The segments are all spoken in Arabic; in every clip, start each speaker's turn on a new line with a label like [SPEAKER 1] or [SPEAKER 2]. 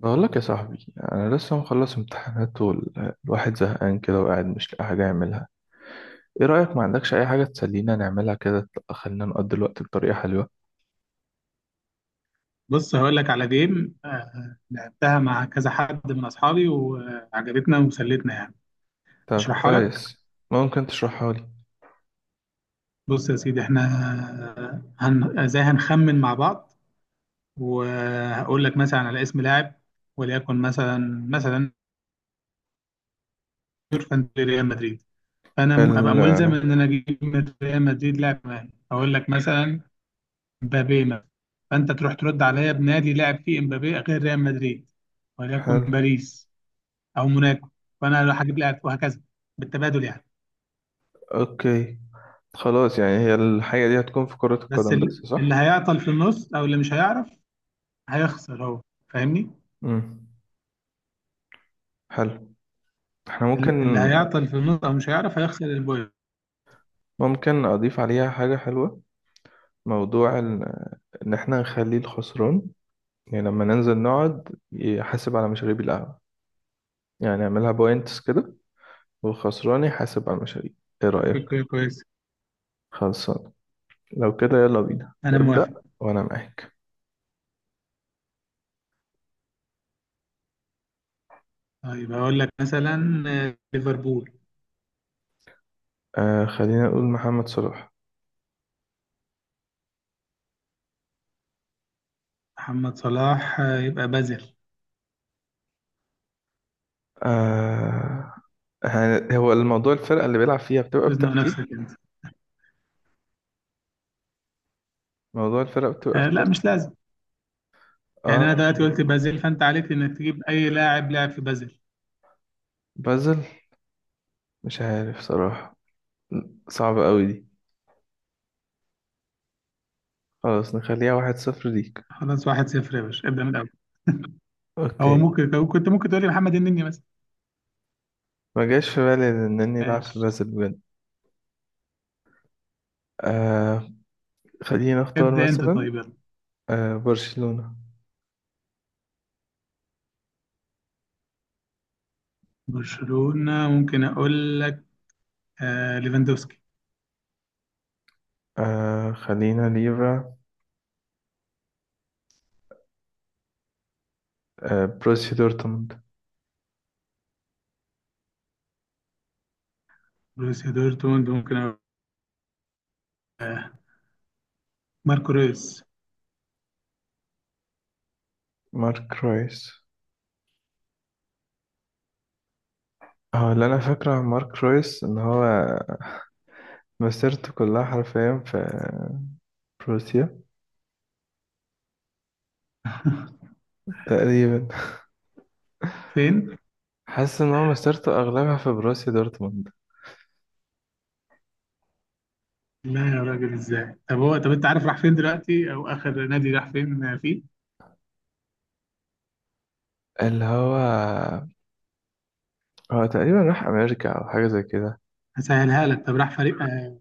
[SPEAKER 1] بقول لك يا صاحبي، انا لسه مخلص امتحانات والواحد زهقان كده وقاعد مش لاقي حاجه يعملها. ايه رايك، ما عندكش اي حاجه تسلينا نعملها كده؟ خلينا نقضي الوقت بطريقه حلوه.
[SPEAKER 2] بص هقول لك على جيم لعبتها مع كذا حد من اصحابي وعجبتنا وسلتنا يعني.
[SPEAKER 1] طب
[SPEAKER 2] اشرحها لك.
[SPEAKER 1] كويس، ممكن تشرحها لي.
[SPEAKER 2] بص يا سيدي احنا ازاي هنخمن مع بعض وهقول لك مثلا على اسم لاعب، وليكن مثلا يورفان ريال مدريد. فانا ابقى
[SPEAKER 1] ال
[SPEAKER 2] ملزم ان انا اجيب من ريال مدريد لاعب معين، اقول لك مثلا مبابي مثلا. فانت تروح ترد عليا بنادي لاعب فيه مبابي غير ريال مدريد، وليكن
[SPEAKER 1] حلو.
[SPEAKER 2] باريس او موناكو. فانا لو هجيب لاعب وهكذا بالتبادل يعني.
[SPEAKER 1] اوكي، خلاص، يعني هي الحاجه دي هتكون في كره
[SPEAKER 2] بس
[SPEAKER 1] القدم بس،
[SPEAKER 2] اللي
[SPEAKER 1] صح؟
[SPEAKER 2] هيعطل في النص او اللي مش هيعرف هيخسر هو. فاهمني.
[SPEAKER 1] امم، حلو. احنا ممكن
[SPEAKER 2] اللي هيعطل في النص او مش هيعرف هيخسر البوينت.
[SPEAKER 1] ممكن اضيف عليها حاجه حلوه. موضوع ان احنا نخلي الخسران، يعني لما ننزل نقعد يحاسب على مشاريب القهوه، يعني اعملها بوينتس كده، والخسران يحاسب على المشاريع. ايه رأيك؟
[SPEAKER 2] فكرة كويسة.
[SPEAKER 1] خلصان. لو كده يلا بينا
[SPEAKER 2] انا
[SPEAKER 1] ابدأ.
[SPEAKER 2] موافق.
[SPEAKER 1] وانا معاك.
[SPEAKER 2] طيب هقول لك مثلا ليفربول.
[SPEAKER 1] آه، خلينا نقول محمد صلاح.
[SPEAKER 2] محمد صلاح يبقى بازل.
[SPEAKER 1] آه. هو الموضوع، الفرقة اللي بيلعب فيها بتبقى
[SPEAKER 2] تزنق
[SPEAKER 1] بترتيب؟
[SPEAKER 2] نفسك انت.
[SPEAKER 1] موضوع الفرقة بتبقى في
[SPEAKER 2] لا
[SPEAKER 1] ترتيب؟
[SPEAKER 2] مش لازم. يعني
[SPEAKER 1] اه.
[SPEAKER 2] انا دلوقتي قلت بازل فانت عليك انك تجيب اي لاعب في بازل.
[SPEAKER 1] بازل؟ مش عارف صراحة، صعبة قوي دي. خلاص نخليها واحد صفر ليك.
[SPEAKER 2] خلاص واحد صفر يا باشا، ابدا من الاول. هو
[SPEAKER 1] اوكي.
[SPEAKER 2] ممكن كنت ممكن تقول لي محمد النني مثلا.
[SPEAKER 1] ما جاش في بالي انني العب في
[SPEAKER 2] ماشي.
[SPEAKER 1] بازل بجد. آه، خلينا اختار
[SPEAKER 2] ابدا انت
[SPEAKER 1] مثلا،
[SPEAKER 2] طيب يلا.
[SPEAKER 1] آه، برشلونة.
[SPEAKER 2] برشلونة ممكن أقول لك ليفاندوسكي.
[SPEAKER 1] آه، خلينا ليفا. آه، بروسيا دورتموند.
[SPEAKER 2] بروسيا دورتموند ممكن أقول آه ماركو رويس.
[SPEAKER 1] مارك رويس. اه، اللي انا فاكره عن مارك رويس ان هو مسيرته كلها حرفيا في بروسيا تقريبا.
[SPEAKER 2] فين؟
[SPEAKER 1] حاسس ان هو مسيرته اغلبها في بروسيا دورتموند.
[SPEAKER 2] لا يا راجل، إزاي؟ طب هو، طب أنت عارف راح فين دلوقتي أو آخر نادي راح فين فيه؟
[SPEAKER 1] اللي هو تقريبا راح امريكا او حاجه زي كده.
[SPEAKER 2] هسهلها لك. طب راح فريق آه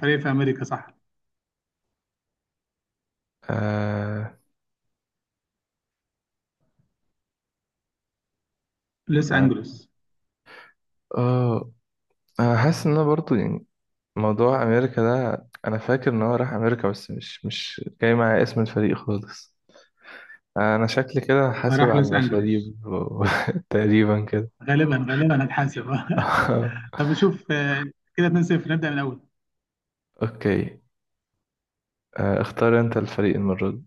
[SPEAKER 2] فريق في أمريكا صح؟
[SPEAKER 1] اه،
[SPEAKER 2] لوس أنجلوس.
[SPEAKER 1] اه، انا حاسس ان انا برضو، يعني، موضوع امريكا ده انا فاكر ان هو راح امريكا، بس مش جاي معايا اسم الفريق خالص. انا شكلي كده حاسب
[SPEAKER 2] راح
[SPEAKER 1] على
[SPEAKER 2] لوس أنجلوس.
[SPEAKER 1] المشاريب تقريبا كده.
[SPEAKER 2] غالبا غالبا هتحاسب طب شوف كده 2-0. نبدأ من الأول.
[SPEAKER 1] اوكي. آه، اختار انت الفريق المرة دي.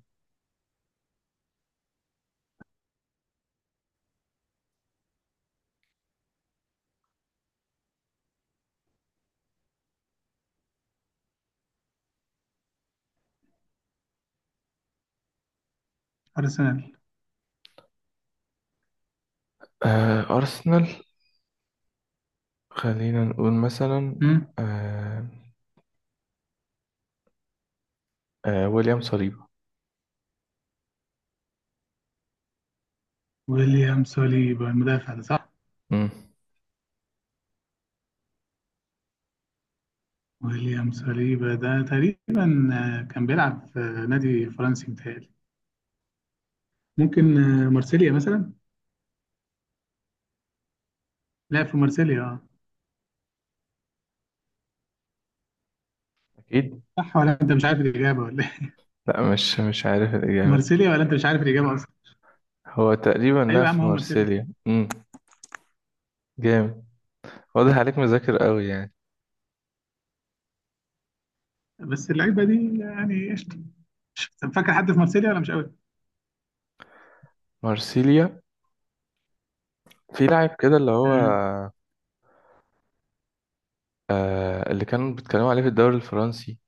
[SPEAKER 2] أرسنال.
[SPEAKER 1] آه، ارسنال. خلينا نقول مثلا،
[SPEAKER 2] مم.
[SPEAKER 1] آه، آه، ويليام صليبا.
[SPEAKER 2] ويليام سوليبا المدافع ده صح؟
[SPEAKER 1] مم.
[SPEAKER 2] ويليام ساليبا ده تقريبا كان بيلعب في نادي فرنسي متهيألي. ممكن مارسيليا مثلا. لعب في مارسيليا اه.
[SPEAKER 1] اكيد.
[SPEAKER 2] صح ولا انت مش عارف الاجابه ولا ايه؟
[SPEAKER 1] لا، مش عارف الاجابة.
[SPEAKER 2] مارسيليا ولا انت مش عارف الاجابه اصلا.
[SPEAKER 1] هو تقريبا
[SPEAKER 2] ايوه
[SPEAKER 1] لعب
[SPEAKER 2] يا عم
[SPEAKER 1] في
[SPEAKER 2] هو مارسيليا.
[SPEAKER 1] مارسيليا. مم. جامد. واضح عليك مذاكر قوي، يعني.
[SPEAKER 2] بس اللعيبه دي يعني قشطه. طب فاكر حد في مارسيليا ولا مش قوي؟
[SPEAKER 1] مارسيليا. في لاعب كده اللي هو،
[SPEAKER 2] مم.
[SPEAKER 1] اللي كانوا بيتكلموا عليه في الدوري الفرنسي.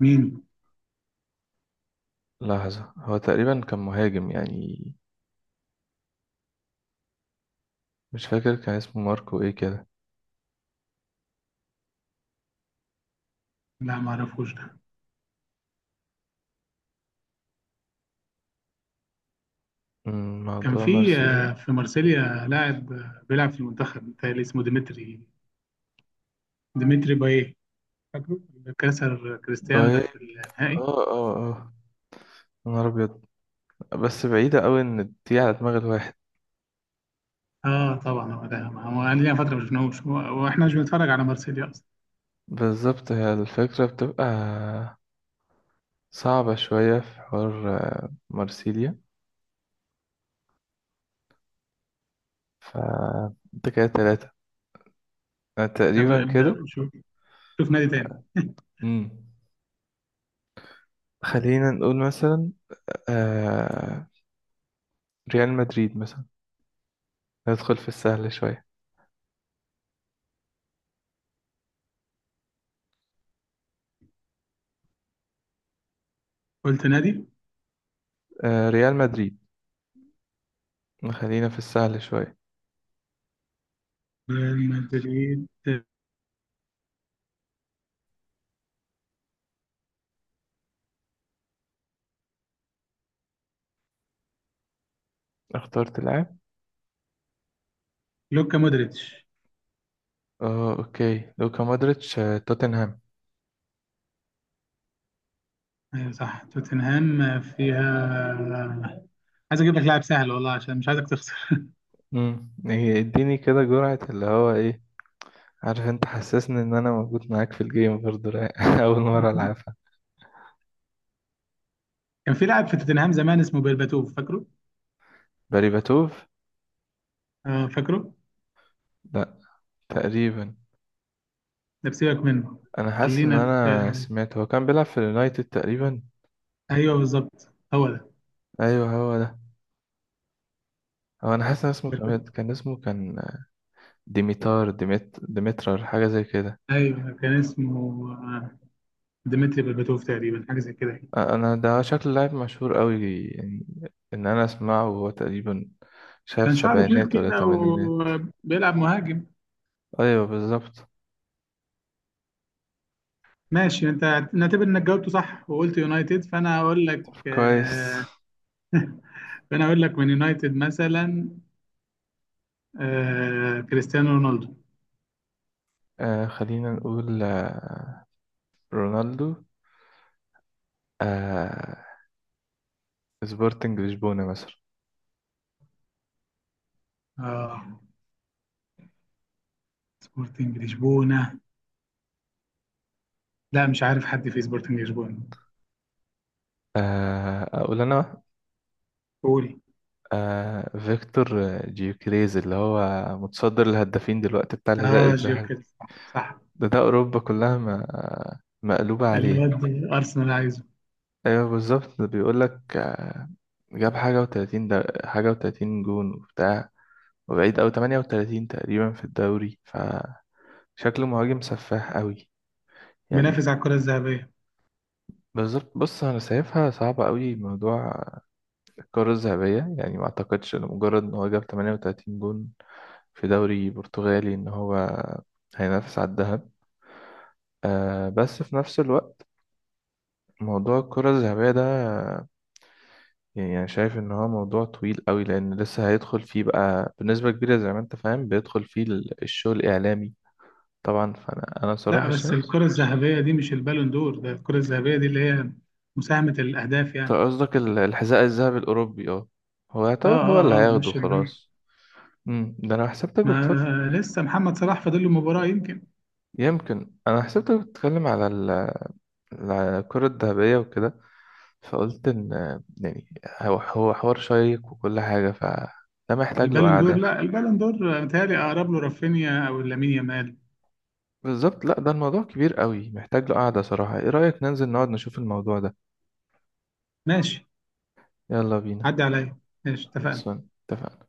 [SPEAKER 2] مين؟
[SPEAKER 1] لحظة، هو تقريبا كان مهاجم، يعني. مش فاكر كان اسمه ماركو ايه كده.
[SPEAKER 2] لا ما اعرفوش ده. كان
[SPEAKER 1] موضوع
[SPEAKER 2] في
[SPEAKER 1] مرسيدس.
[SPEAKER 2] آه، في مارسيليا لاعب بيلعب في المنتخب متهيألي اسمه ديمتري بايه، فاكره، اللي كسر كريستيانو
[SPEAKER 1] باي،
[SPEAKER 2] ده
[SPEAKER 1] اه،
[SPEAKER 2] في النهائي.
[SPEAKER 1] اه، اه، يا نهار ابيض. بس بعيدة قوي ان دي على دماغ الواحد.
[SPEAKER 2] اه طبعا هو ده، ما هو انا ليا فتره ما شفناهوش، واحنا مش بنتفرج على مارسيليا اصلا.
[SPEAKER 1] بالظبط، هي الفكرة بتبقى صعبة شوية في حوار مرسيليا. ف انت كده تلاتة. أنا
[SPEAKER 2] طب
[SPEAKER 1] تقريبا
[SPEAKER 2] ابدا
[SPEAKER 1] كده.
[SPEAKER 2] شوف. شوف نادي تاني.
[SPEAKER 1] مم. خلينا نقول مثلا، آه... ريال مدريد مثلا، ندخل في السهل شوية.
[SPEAKER 2] قلت نادي.
[SPEAKER 1] ريال مدريد، خلينا في السهل شوية.
[SPEAKER 2] ريال مدريد.
[SPEAKER 1] اخترت لاعب.
[SPEAKER 2] لوكا مودريتش.
[SPEAKER 1] اه، اوكي، لوكا مودريتش. آه، توتنهام.
[SPEAKER 2] ايوه صح توتنهام فيها. عايز اجيب لك لاعب سهل والله عشان مش عايزك تخسر.
[SPEAKER 1] إيه، اديني كده جرعة اللي هو ايه. عارف انت، حسسني ان انا موجود معاك في الجيم برضه رايق. اول مرة العبها.
[SPEAKER 2] كان في لاعب في توتنهام زمان اسمه بيرباتوف، فاكره؟
[SPEAKER 1] باريباتوف؟
[SPEAKER 2] آه، فاكره.
[SPEAKER 1] لا. تقريبا.
[SPEAKER 2] ده بسيبك منه.
[SPEAKER 1] انا حاسس ان
[SPEAKER 2] خلينا في.
[SPEAKER 1] انا سمعت هو كان بيلعب في اليونايتد تقريبا.
[SPEAKER 2] ايوه بالظبط هو ده.
[SPEAKER 1] ايوه، هو ده. هو انا حاسس ان اسمه كان
[SPEAKER 2] بيرباتوف.
[SPEAKER 1] كان اسمه كان ديميتار، ديميت، ديمترار، حاجة زي كده.
[SPEAKER 2] ايوه كان اسمه ديمتري بيرباتوف تقريبا حاجه زي كده.
[SPEAKER 1] آه، انا ده شكل لاعب مشهور قوي، يعني ان انا اسمعه، وهو تقريبا شايف
[SPEAKER 2] كان شعره طويل
[SPEAKER 1] سبعينات ولا
[SPEAKER 2] كده
[SPEAKER 1] تمانينات.
[SPEAKER 2] وبيلعب مهاجم.
[SPEAKER 1] ايوه بالظبط.
[SPEAKER 2] ماشي انت. نعتبر انك جاوبته صح وقلت يونايتد.
[SPEAKER 1] كويس.
[SPEAKER 2] فانا هقول لك من يونايتد مثلا كريستيانو رونالدو.
[SPEAKER 1] آه، خلينا نقول، رونالدو. آه، سبورتنج لشبونة مثلا.
[SPEAKER 2] اه، سبورتنج لشبونه. لا مش عارف حد في سبورتنج لشبونه.
[SPEAKER 1] آه، أقول أنا.
[SPEAKER 2] قول.
[SPEAKER 1] آه، فيكتور جيوكريز، اللي هو متصدر الهدافين دلوقتي بتاع الحذاء
[SPEAKER 2] اه،
[SPEAKER 1] الذهبي.
[SPEAKER 2] جيركس صح، صح.
[SPEAKER 1] ده أوروبا كلها ما مقلوبة عليه.
[SPEAKER 2] الواد ارسنال عايزه.
[SPEAKER 1] أيوه بالظبط، ده بيقولك، جاب حاجة وتلاتين، ده حاجة وتلاتين جون وبتاع، وبعيد أوي، تمانية وتلاتين تقريبا في الدوري، فشكله مهاجم سفاح أوي، يعني.
[SPEAKER 2] بينافس على الكره الذهبيه.
[SPEAKER 1] بالظبط. بص انا شايفها صعبة قوي موضوع الكرة الذهبية، يعني ما اعتقدش ان مجرد ان هو جاب 38 جون في دوري برتغالي ان هو هينافس على الذهب. آه، بس في نفس الوقت موضوع الكرة الذهبية ده، يعني انا شايف ان هو موضوع طويل قوي، لان لسه هيدخل فيه بقى بنسبة كبيرة زي ما انت فاهم، بيدخل فيه الشغل الاعلامي. طبعا، فانا
[SPEAKER 2] لا
[SPEAKER 1] صراحة
[SPEAKER 2] بس
[SPEAKER 1] شايف.
[SPEAKER 2] الكره الذهبيه دي مش البالون دور، ده الكره الذهبيه دي اللي هي مساهمه الاهداف
[SPEAKER 1] أنت
[SPEAKER 2] يعني.
[SPEAKER 1] قصدك الحذاء الذهبي الاوروبي، اه. هو
[SPEAKER 2] اه
[SPEAKER 1] يعتبر هو اللي
[SPEAKER 2] اه اه
[SPEAKER 1] هياخده
[SPEAKER 2] مش البالون.
[SPEAKER 1] خلاص. ده انا حسبتك.
[SPEAKER 2] ما لسه محمد صلاح فاضل له مباراة يمكن.
[SPEAKER 1] يمكن انا حسبتك بتتكلم على على الكرة الذهبية وكده، فقلت ان، يعني، هو حوار شيق وكل حاجة، فده محتاج له
[SPEAKER 2] البالون دور،
[SPEAKER 1] قعدة.
[SPEAKER 2] لا البالون دور متهيألي أقرب له رافينيا أو لامين يامال.
[SPEAKER 1] بالظبط. لا، ده الموضوع كبير قوي، محتاج له قعدة صراحة. ايه رأيك ننزل نقعد نشوف الموضوع ده؟
[SPEAKER 2] ماشي.
[SPEAKER 1] يلا بينا.
[SPEAKER 2] عدي عليا. ماشي اتفقنا.
[SPEAKER 1] خلصان اتفقنا.